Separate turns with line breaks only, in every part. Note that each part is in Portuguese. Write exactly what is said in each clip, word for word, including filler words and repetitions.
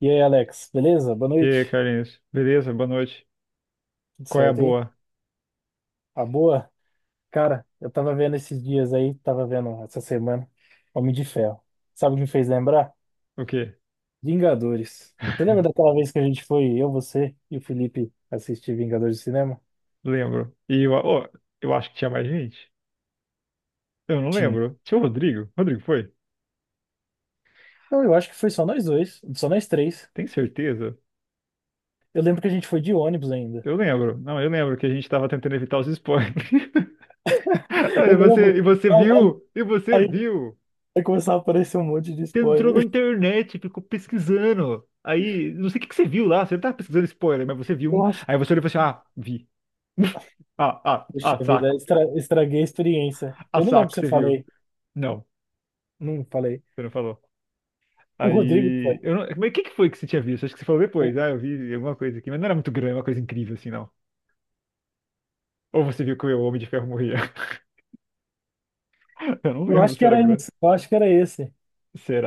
E aí, Alex, beleza? Boa
E aí,
noite.
Carlinhos? Beleza? Boa noite.
Tudo
Qual é a
certo aí?
boa?
A boa? Cara, eu tava vendo esses dias aí, tava vendo essa semana, Homem de Ferro. Sabe o que me fez lembrar?
O quê?
Vingadores. Você lembra daquela vez que a gente foi, eu, você e o Felipe, assistir Vingadores de cinema?
Lembro. E eu, ó, eu acho que tinha mais gente. Eu não
Tinha.
lembro. Tinha o Rodrigo? Rodrigo foi?
Não, eu acho que foi só nós dois, só nós três.
Tem certeza?
Eu lembro que a gente foi de ônibus ainda.
Eu lembro. Não, eu lembro que a gente tava tentando evitar os spoilers. Ah,
Eu
E você,
lembro.
e você
Aí,
viu? E você
aí,
viu?
aí começava a aparecer um monte de
Você entrou na
spoiler.
internet, ficou pesquisando. Aí, não sei o que que você viu lá. Você não tava pesquisando spoiler, mas você viu um.
Eu acho que.
Aí você olhou e falou assim: ah, vi. Ah, ah,
Puxa
ah,
vida,
saco.
estra- estraguei a experiência.
Ah,
Eu não lembro
saco,
se eu
você viu.
falei.
Não,
Não falei.
você não falou.
O Rodrigo foi.
Aí, eu não... Mas o que que foi que você tinha visto? Acho que você falou
O-
depois. Ah, eu vi alguma coisa aqui. Mas não era muito grande, é uma coisa incrível assim, não. Ou você viu que o Homem de Ferro morria? Eu não
Eu
lembro
acho
se
que
era
era
grande.
esse, Eu acho que era esse.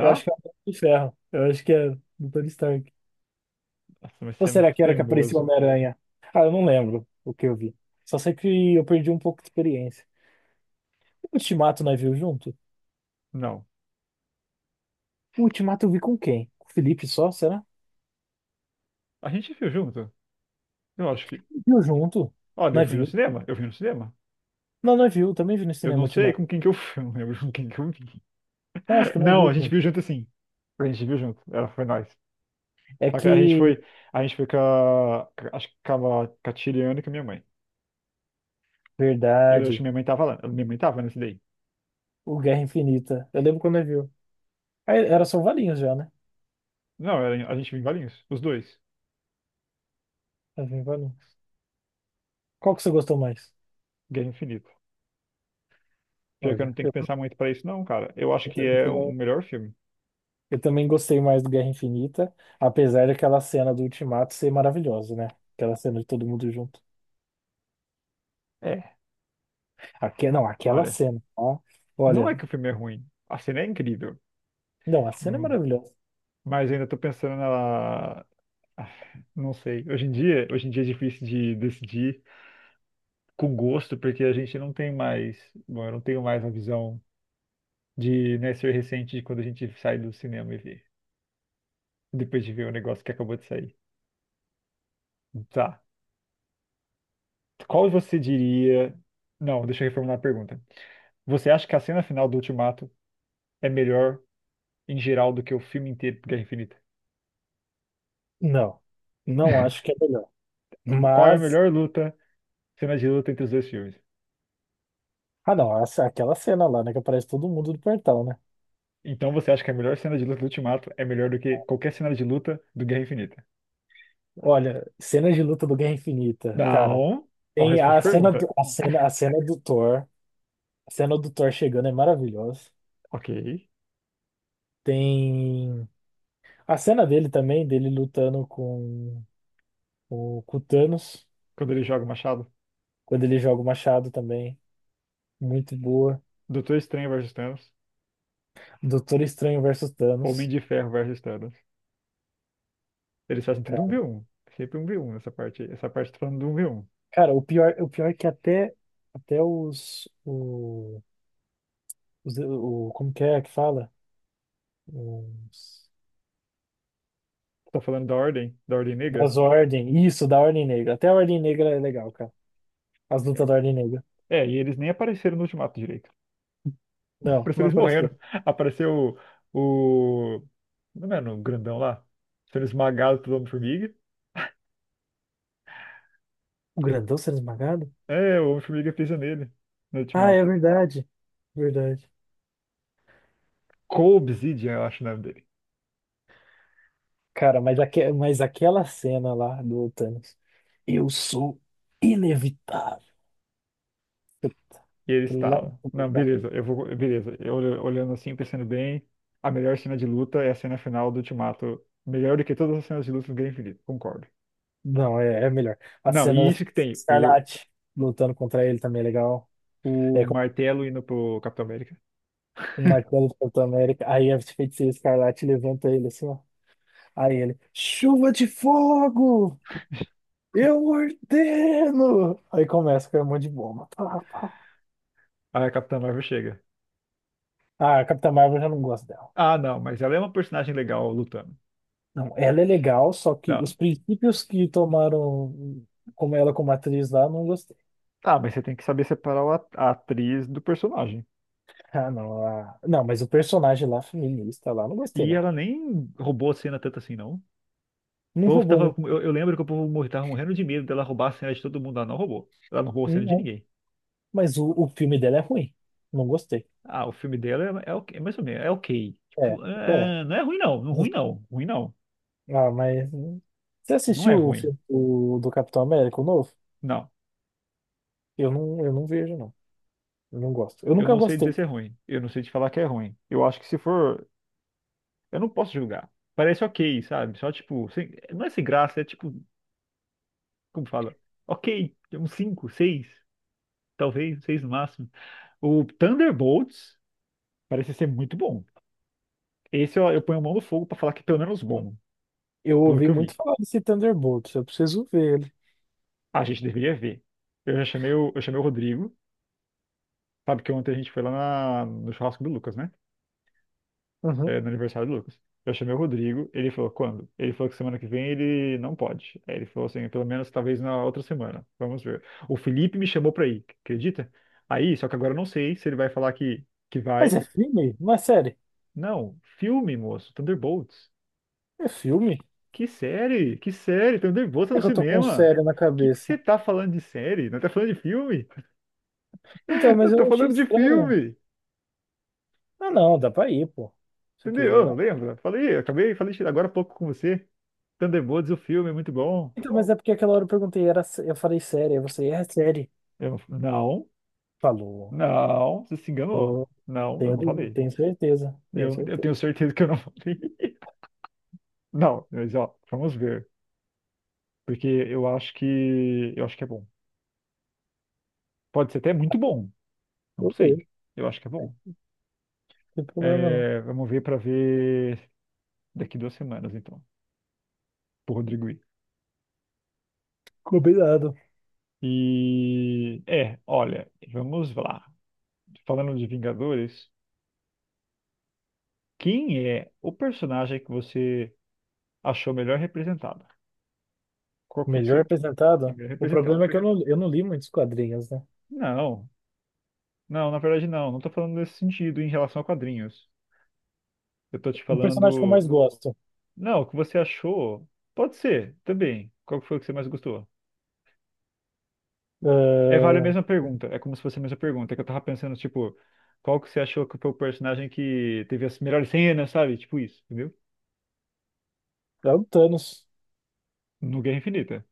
Eu acho que é o Homem de Ferro. Eu acho que é do Tony Stark.
Nossa, mas
Ou
você é
será
muito
que era que apareceu o
teimoso.
Homem-Aranha? Ah, eu não lembro o que eu vi. Só sei que eu perdi um pouco de experiência. O Ultimato nós viu junto?
Não.
O Ultimato eu vi com quem? Com o Felipe só, será?
A gente viu junto? Eu acho que.
Viu junto?
Olha, eu
Nós
fui no
viu?
cinema. Eu fui no cinema.
Não, nós viu. Também vi no
Eu
cinema o
não sei
Ultimato.
com quem que eu fui. Eu não lembro com quem que eu vi.
Não, acho que nós
Não,
viu
a gente
junto.
viu junto, sim. A gente viu junto. Ela foi nós.
É
Só que a gente
que.
foi. A gente foi com a. Acho que com a, com a Tiriana e com a minha mãe. Eu acho que
Verdade.
minha mãe tava lá. Minha mãe tava nesse daí.
O Guerra Infinita. Eu lembro quando nós viu. Aí era só o Valinhos já, né?
Não, era- a gente vive em Valinhos, os dois.
Nós viu Valinhos. Qual que você gostou mais?
Guerra Infinita. Pior que eu não
Olha,
tenho que
eu
pensar muito pra isso, não, cara. Eu acho
Eu ta-
que
eu
é o
também,
melhor filme.
eu também gostei mais do Guerra Infinita, apesar daquela cena do Ultimato ser maravilhosa, né? Aquela cena de todo mundo junto.
É,
Aque, não, aquela
olha.
cena, ó.
Não
Olha,
é que o filme é ruim. A cena é incrível.
não, a cena é
Hum,
maravilhosa.
Mas ainda tô pensando na. Ah, Não sei. Hoje em dia, hoje em dia é difícil de decidir com gosto, porque a gente não tem mais. Bom, eu não tenho mais a visão de, né, ser recente de quando a gente sai do cinema e vê. Depois de ver o negócio que acabou de sair. Tá. Qual você diria. Não, deixa eu reformular a pergunta. Você acha que a cena final do Ultimato é melhor em geral do que o filme inteiro de Guerra Infinita?
Não, não acho que é melhor.
Qual é a
Mas,
melhor luta, cena de luta entre os dois filmes?
ah não, essa- aquela cena lá, né, que aparece todo mundo do portal, né?
Então você acha que a melhor cena de luta do Ultimato é melhor do que qualquer cena de luta do Guerra Infinita?
Olha, cena de luta do Guerra Infinita, cara.
Não. Ó,
Tem
responde a
a cena
pergunta.
do, a cena, a cena do Thor, a cena do Thor chegando é maravilhosa.
Ok.
Tem a cena dele também, dele lutando com O com o Thanos,
Quando ele joga o machado,
quando ele joga o machado também. Muito boa.
Doutor Estranho versus Thanos,
Doutor Estranho versus
Homem
Thanos.
de Ferro versus Thanos. Eles fazem tudo um
Cara,
v um. Sempre um v um nessa parte. Essa parte tá falando do um v um.
cara, o pior, o pior é que até, até os, o, os- o- Como que é que fala? Os,
Tá falando da ordem, da ordem negra.
das Ordem. Isso, da Ordem Negra. Até a Ordem Negra é legal, cara. As lutas da Ordem Negra.
É, e eles nem apareceram no Ultimato direito.
Não,
Parece que
não
eles
apareceu.
morreram. Apareceu o, o. Não é o grandão lá? Sendo esmagado pelo Homem-Formiga.
O grandão sendo esmagado?
É, o Homem-Formiga pisa nele no
Ah, é
Ultimato.
verdade. Verdade.
Cole Obsidian, eu acho o nome dele.
Cara, mas, aque, mas aquela cena lá do Thanos. Eu sou inevitável.
E ele
Lá no
estala.
começo,
Não,
tá.
beleza, eu vou. Beleza. Eu olho- olhando assim, pensando bem, a melhor cena de luta é a cena final do Ultimato. Melhor do que todas as cenas de luta do Guerra Infinita, concordo.
Não, é, é melhor. A
Não, e
cena da
isso que tem, o,
Escarlate lutando contra ele também é legal. É
o
com
martelo indo pro Capitão América.
o Martelo do Capitão América. Aí a feiticeira Escarlate levanta ele assim, ó. Aí ele, chuva de fogo! Eu ordeno! Aí começa com um monte de bomba. Pá, pá.
Aí a Capitã Marvel chega.
Ah, a Capitã Marvel eu já não gosta dela.
Ah, não, mas ela é uma personagem legal lutando.
Não, ela é legal, só que
Tá,
os princípios que tomaram como ela como atriz lá, não gostei.
tá, mas você tem que saber separar o at- a atriz do personagem.
Ah, não. ah, Não, mas o personagem lá, feminista lá, não gostei,
E
não.
ela nem roubou a cena tanto assim, não. O
Não
povo tava,
roubou.
com- eu, eu lembro que o povo mor- tava morrendo de medo dela roubar a cena de todo mundo. Ela não roubou. Ela não roubou a cena de
Não,
ninguém.
mas o, o filme dela é ruim. Não gostei.
Ah, o filme dela é, é, ok- é mais ou menos, é ok.
É,
Tipo,
é.
é, é, não é ruim, não. Não ruim, não. Ruim, não.
Ah, mas. hum, Você
Não é
assistiu o
ruim.
filme do, do Capitão América, o novo?
Não.
Eu não, eu não vejo, não. Eu não gosto. Eu
Eu
nunca
não sei dizer
gostei.
se é ruim. Eu não sei te falar que é ruim. Eu acho que se for. Eu não posso julgar. Parece ok, sabe? Só tipo, sem- não é sem graça, é tipo. Como fala? Ok, uns cinco, seis, talvez, seis no máximo. O Thunderbolts parece ser muito bom. Esse eu, eu ponho a mão no fogo pra falar que é pelo menos bom,
Eu
pelo
ouvi
que eu
muito
vi.
falar desse Thunderbolts. Eu preciso ver ele.
A gente deveria ver. Eu já chamei o, eu chamei o Rodrigo, sabe que ontem a gente foi lá na- no churrasco do Lucas, né?
Uhum.
É, no aniversário do Lucas. Eu chamei o Rodrigo, ele falou quando? Ele falou que semana que vem ele não pode. Aí ele falou assim, pelo menos talvez na outra semana. Vamos ver. O Felipe me chamou pra ir, acredita? Aí, só que agora eu não sei se ele vai falar que, que
Mas
vai.
é filme? Não é série?
Não, filme, moço, Thunderbolts.
É filme?
Que série? Que série? Thunderbolts é
É
no
que eu tô com
cinema.
série na
O que que você
cabeça.
tá falando de série? Não tá falando de filme?
Então,
Eu
mas
tô
eu achei
falando de
estranho.
filme.
Ah, não, dá pra ir, pô. Se quiser.
Entendeu?
Não.
Lembra? Falei, acabei, falei agora há pouco com você. Thunderbolts, o filme é muito bom.
Então, mas é porque aquela hora eu perguntei, era, sé- eu falei série. Aí você, é série.
Eu, não,
Falou.
não, você se enganou. Não, eu
Tenho,
não
de-
falei.
tenho certeza, tenho
Eu, eu tenho
certeza.
certeza que eu não falei. Não, mas ó, vamos ver. Porque eu acho que eu acho que é bom. Pode ser até muito bom. Não
Eu
sei.
vejo,
Eu acho que é bom.
não tem problema não.
É, vamos ver para ver daqui duas semanas, então, por Rodrigo I.
Combinado.
E é, olha, vamos lá. Falando de Vingadores, quem é o personagem que você achou melhor representado? Qual que foi que
Melhor
você
apresentado.
melhor
O
representado?
problema é que eu não, eu não li muitos quadrinhos, né?
Não, não, na verdade não. Não tô falando nesse sentido em relação a quadrinhos. Eu tô te
Um personagem que eu mais
falando.
gosto
Não, o que você achou? Pode ser, também. Qual que foi que você mais gostou? É, vale a
ah,
mesma pergunta. É como se fosse a mesma pergunta. É que eu tava pensando, tipo, qual que você achou que foi o personagem que teve as melhores cenas, sabe? Tipo isso, entendeu?
é o Thanos
No Guerra Infinita.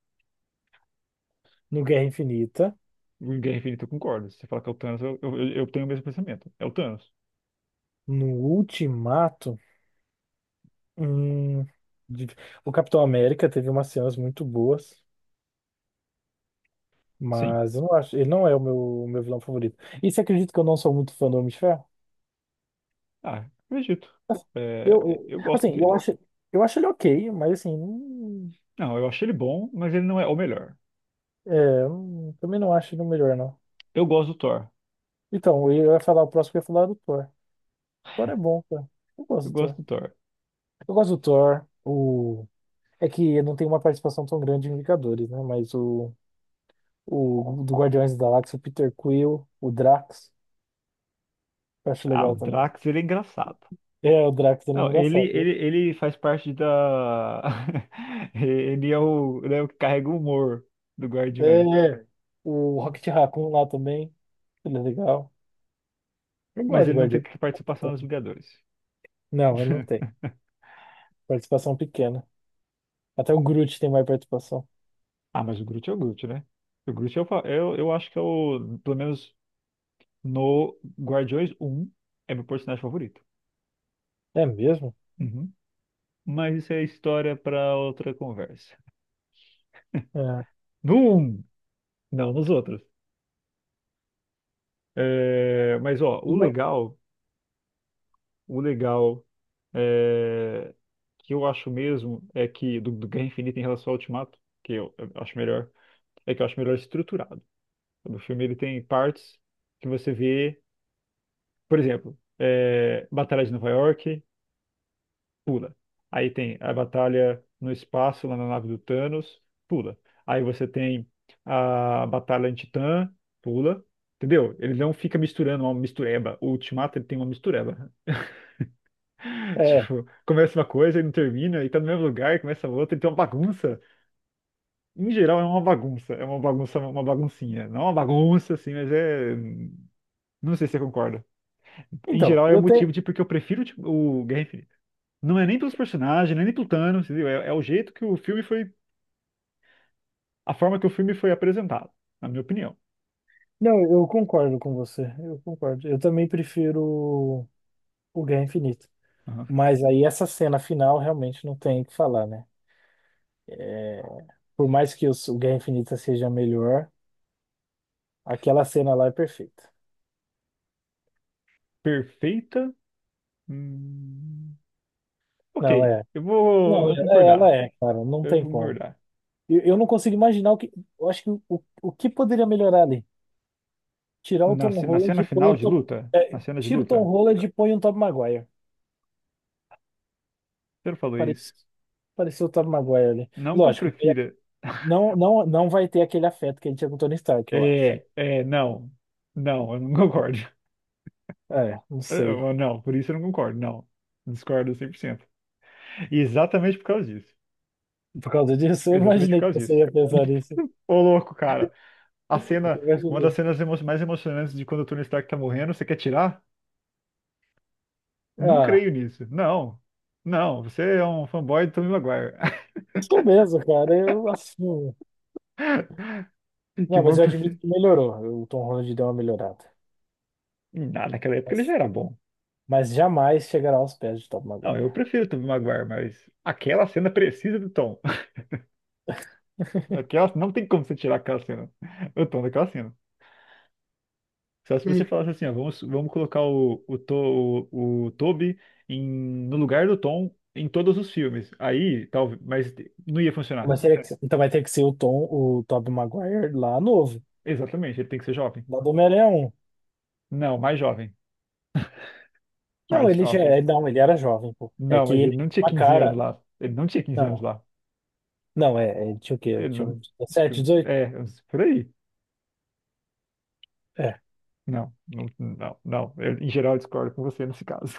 no Guerra Infinita,
No Guerra Infinita eu concordo. Se você falar que é o Thanos, eu, eu, eu tenho o mesmo pensamento. É o Thanos.
no Ultimato. hum, de- o Capitão América teve umas cenas muito boas,
Sim.
mas eu não acho, ele não é o meu, o meu vilão favorito. E você acredita que eu não sou muito fã do Homem de Ferro?
Ah, acredito.
Assim, Eu,
É,
eu-
eu gosto
assim, eu
dele.
acho, eu acho ele ok, mas assim.
Não, eu achei ele bom, mas ele não é o melhor.
É, eu não- também não acho ele o melhor, não.
Eu gosto do Thor.
Então, eu ia falar o próximo, eu ia falar é do Thor. Thor é bom, cara. Eu
Eu
gosto do
gosto
Thor.
do Thor.
Eu gosto do Thor. O... É que não tem uma participação tão grande em Vingadores, né? Mas o, o do Guardiões da Galáxia, o Peter Quill, o Drax, eu acho
Ah, o
legal também.
Drax, ele é engraçado.
É, o Drax ele é
Não, ele,
engraçado, né?
ele, ele faz parte da. Ele é o, ele é o que carrega o humor do
É,
Guardiões.
é. O Rocket Raccoon lá também, ele é legal. Eu gosto
Mas
de
ele não tem
Guardiões.
participação nos Vingadores.
Não, ele não tem. Participação pequena. Até o Groot tem mais participação.
Ah, mas o Groot é o Groot, né? O Groot é o, fa- eu, eu acho que é o. Pelo menos no Guardiões um é meu personagem favorito.
É mesmo?
Uhum. Mas isso é história para outra conversa.
É.
No um? Não, nos outros. É, mas, ó, o legal. O legal é, que eu acho mesmo é que do, do Guerra Infinita em relação ao Ultimato, que eu, eu acho melhor, é que eu acho melhor estruturado. O filme ele tem partes que você vê, por exemplo, é, Batalha de Nova York, pula. Aí tem a batalha no espaço, lá na nave do Thanos, pula. Aí você tem a batalha em Titã, pula. Entendeu? Ele não fica misturando uma mistureba. O Ultimato ele tem uma mistureba.
É,
Tipo, começa uma coisa e não termina, e tá no mesmo lugar, e começa outra, então é uma bagunça. Em geral é uma bagunça, é uma bagunça, uma baguncinha. Não é uma bagunça, assim, mas é. Não sei se você concorda. Em
então,
geral é o
eu tenho.
motivo de porque eu prefiro tipo, o Guerra Infinita. Não é nem pelos personagens, nem pelo Thanos, entendeu? É, é o jeito que o filme foi. A forma que o filme foi apresentado, na minha opinião.
Não, eu concordo com você. Eu concordo. Eu também prefiro o Guerra Infinita.
Aham.
Mas aí essa cena final realmente não tem o que falar, né? É, por mais que os- o Guerra Infinita seja melhor, aquela cena lá é perfeita.
Perfeita. Hum, Ok,
Não, é.
eu vou, eu
Não, é-
vou
é, ela
concordar.
é, cara. Não
Eu
tem
vou
como.
concordar.
Eu, eu não consigo imaginar o que. Eu acho que o, o, o que poderia melhorar ali? Tirar o
Na,
Tom
ce- na
Holland
cena
e põe
final
o
de
Tom.
luta?
É,
Na cena de
tira o Tom
luta?
Holland e põe o Tom Maguire.
Você não falou isso.
Parece, pareceu o Tom Maguire ali.
Não que eu
Lógico.
prefira.
Não, não, não vai ter aquele afeto que ele tinha com o Tony Stark, eu acho.
É, é, não. Não, eu não concordo.
É, não sei.
É, Não, por isso eu não concordo. Não. Discordo cem por cento. E exatamente por causa disso.
Por causa disso, eu
Exatamente por
imaginei que
causa
você
disso.
ia pensar nisso.
Ô, louco, cara. A
Eu
cena, uma das
imaginei.
cenas emo- mais emocionantes de quando o Tony Stark tá morrendo, você quer tirar? Não
Ah,
creio nisso. Não. Não, você é um fanboy do Tobey Maguire.
sou mesmo, cara, eu assumo.
Que
Não,
bom
mas eu
que
admito
você.
que melhorou. O Tom Holland deu uma melhorada.
Não, naquela época ele já
Mas,
era bom.
mas jamais chegará aos pés de Tobey
Não, eu
Maguire.
prefiro o Tobey Maguire, mas aquela cena precisa do Tom. Aquela, não tem como você tirar aquela cena, o Tom naquela cena. Só se você falasse assim, ó, vamos, vamos colocar o, o, To- o, o Toby em, no lugar do Tom em todos os filmes. Aí, talvez, mas não ia funcionar.
Mas teria que ser- então vai ter que ser o Tom, o Tobey Maguire lá novo,
Exatamente, ele tem que ser jovem.
lá do Homem-Aranha um.
Não, mais jovem. Mais
Não, ele já,
jovem.
é- não, ele era jovem, pô. É
Não,
que
mas
ele
ele não
tinha
tinha
uma
quinze anos
cara.
lá. Ele não tinha quinze anos
Não,
lá.
não, é, é, tinha o quê?
Ele
Tinha
não.
uns
Acho que,
dezessete, dezoito?
é, por aí.
É,
Não, não, não, não. Eu, em geral, eu discordo com você nesse caso.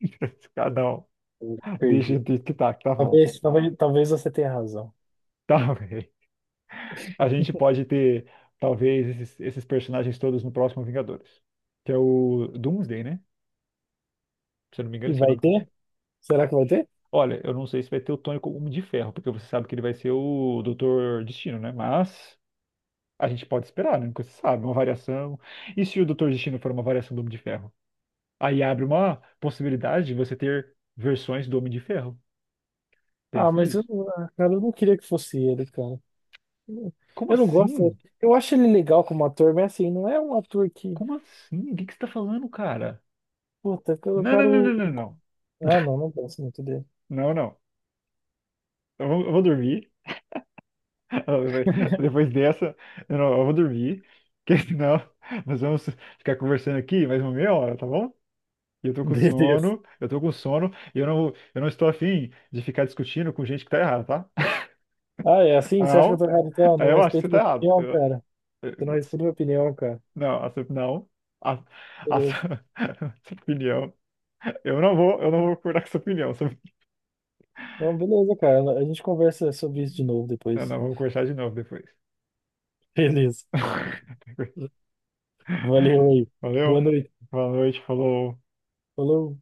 Nesse caso, não.
eu
Deixa
perdi.
do que tá, que tá bom.
Talvez, talvez, talvez você tenha razão.
Tá, a gente pode ter, talvez, esses, esses personagens todos no próximo Vingadores. Que é o Doomsday, né? Se eu não me engano,
E
esse é o
vai
nome que
ter?
tá.
Será que vai ter?
Olha, eu não sei se vai ter o Tony como Homem de Ferro, porque você sabe que ele vai ser o Doutor Destino, né? Mas a gente pode esperar, né? Nunca se sabe, uma variação. E se o Doutor Destino for uma variação do Homem de Ferro? Aí abre uma possibilidade de você ter versões do Homem de Ferro.
Ah,
Pensa
mas eu,
nisso.
ah, cara, eu não queria que fosse ele, cara.
Como
Eu não gosto.
assim?
Eu acho ele legal como ator, mas assim, não é um ator que.
Como assim? O que que você tá falando, cara?
Puta, eu
Não, não, não, não,
quero.
não, não.
Ah, não, não gosto muito dele.
Não, não. Eu vou, eu vou dormir. Depois depois dessa, eu, não, eu vou dormir, porque senão nós vamos ficar conversando aqui mais uma meia hora, tá bom? E eu tô com
Beleza.
sono, eu tô com sono, e eu não, eu não estou afim de ficar discutindo com gente que tá errada, tá?
Ah, é assim? Você acha que eu
Não,
tô errado? Então, não
eu acho que você
respeita
tá
minha
errado.
opinião,
Eu-
cara. Você não
eu- assim,
respeita minha opinião, cara.
não, a sua- não. A, a
Beleza.
sua sua opinião. Eu não vou, eu não vou concordar com sua opinião. Sua-
Então, beleza, cara. A gente conversa sobre isso de novo
Não,
depois.
não, vamos conversar de novo depois.
Beleza. Valeu aí. Boa
Valeu,
noite.
boa noite, falou.
Falou.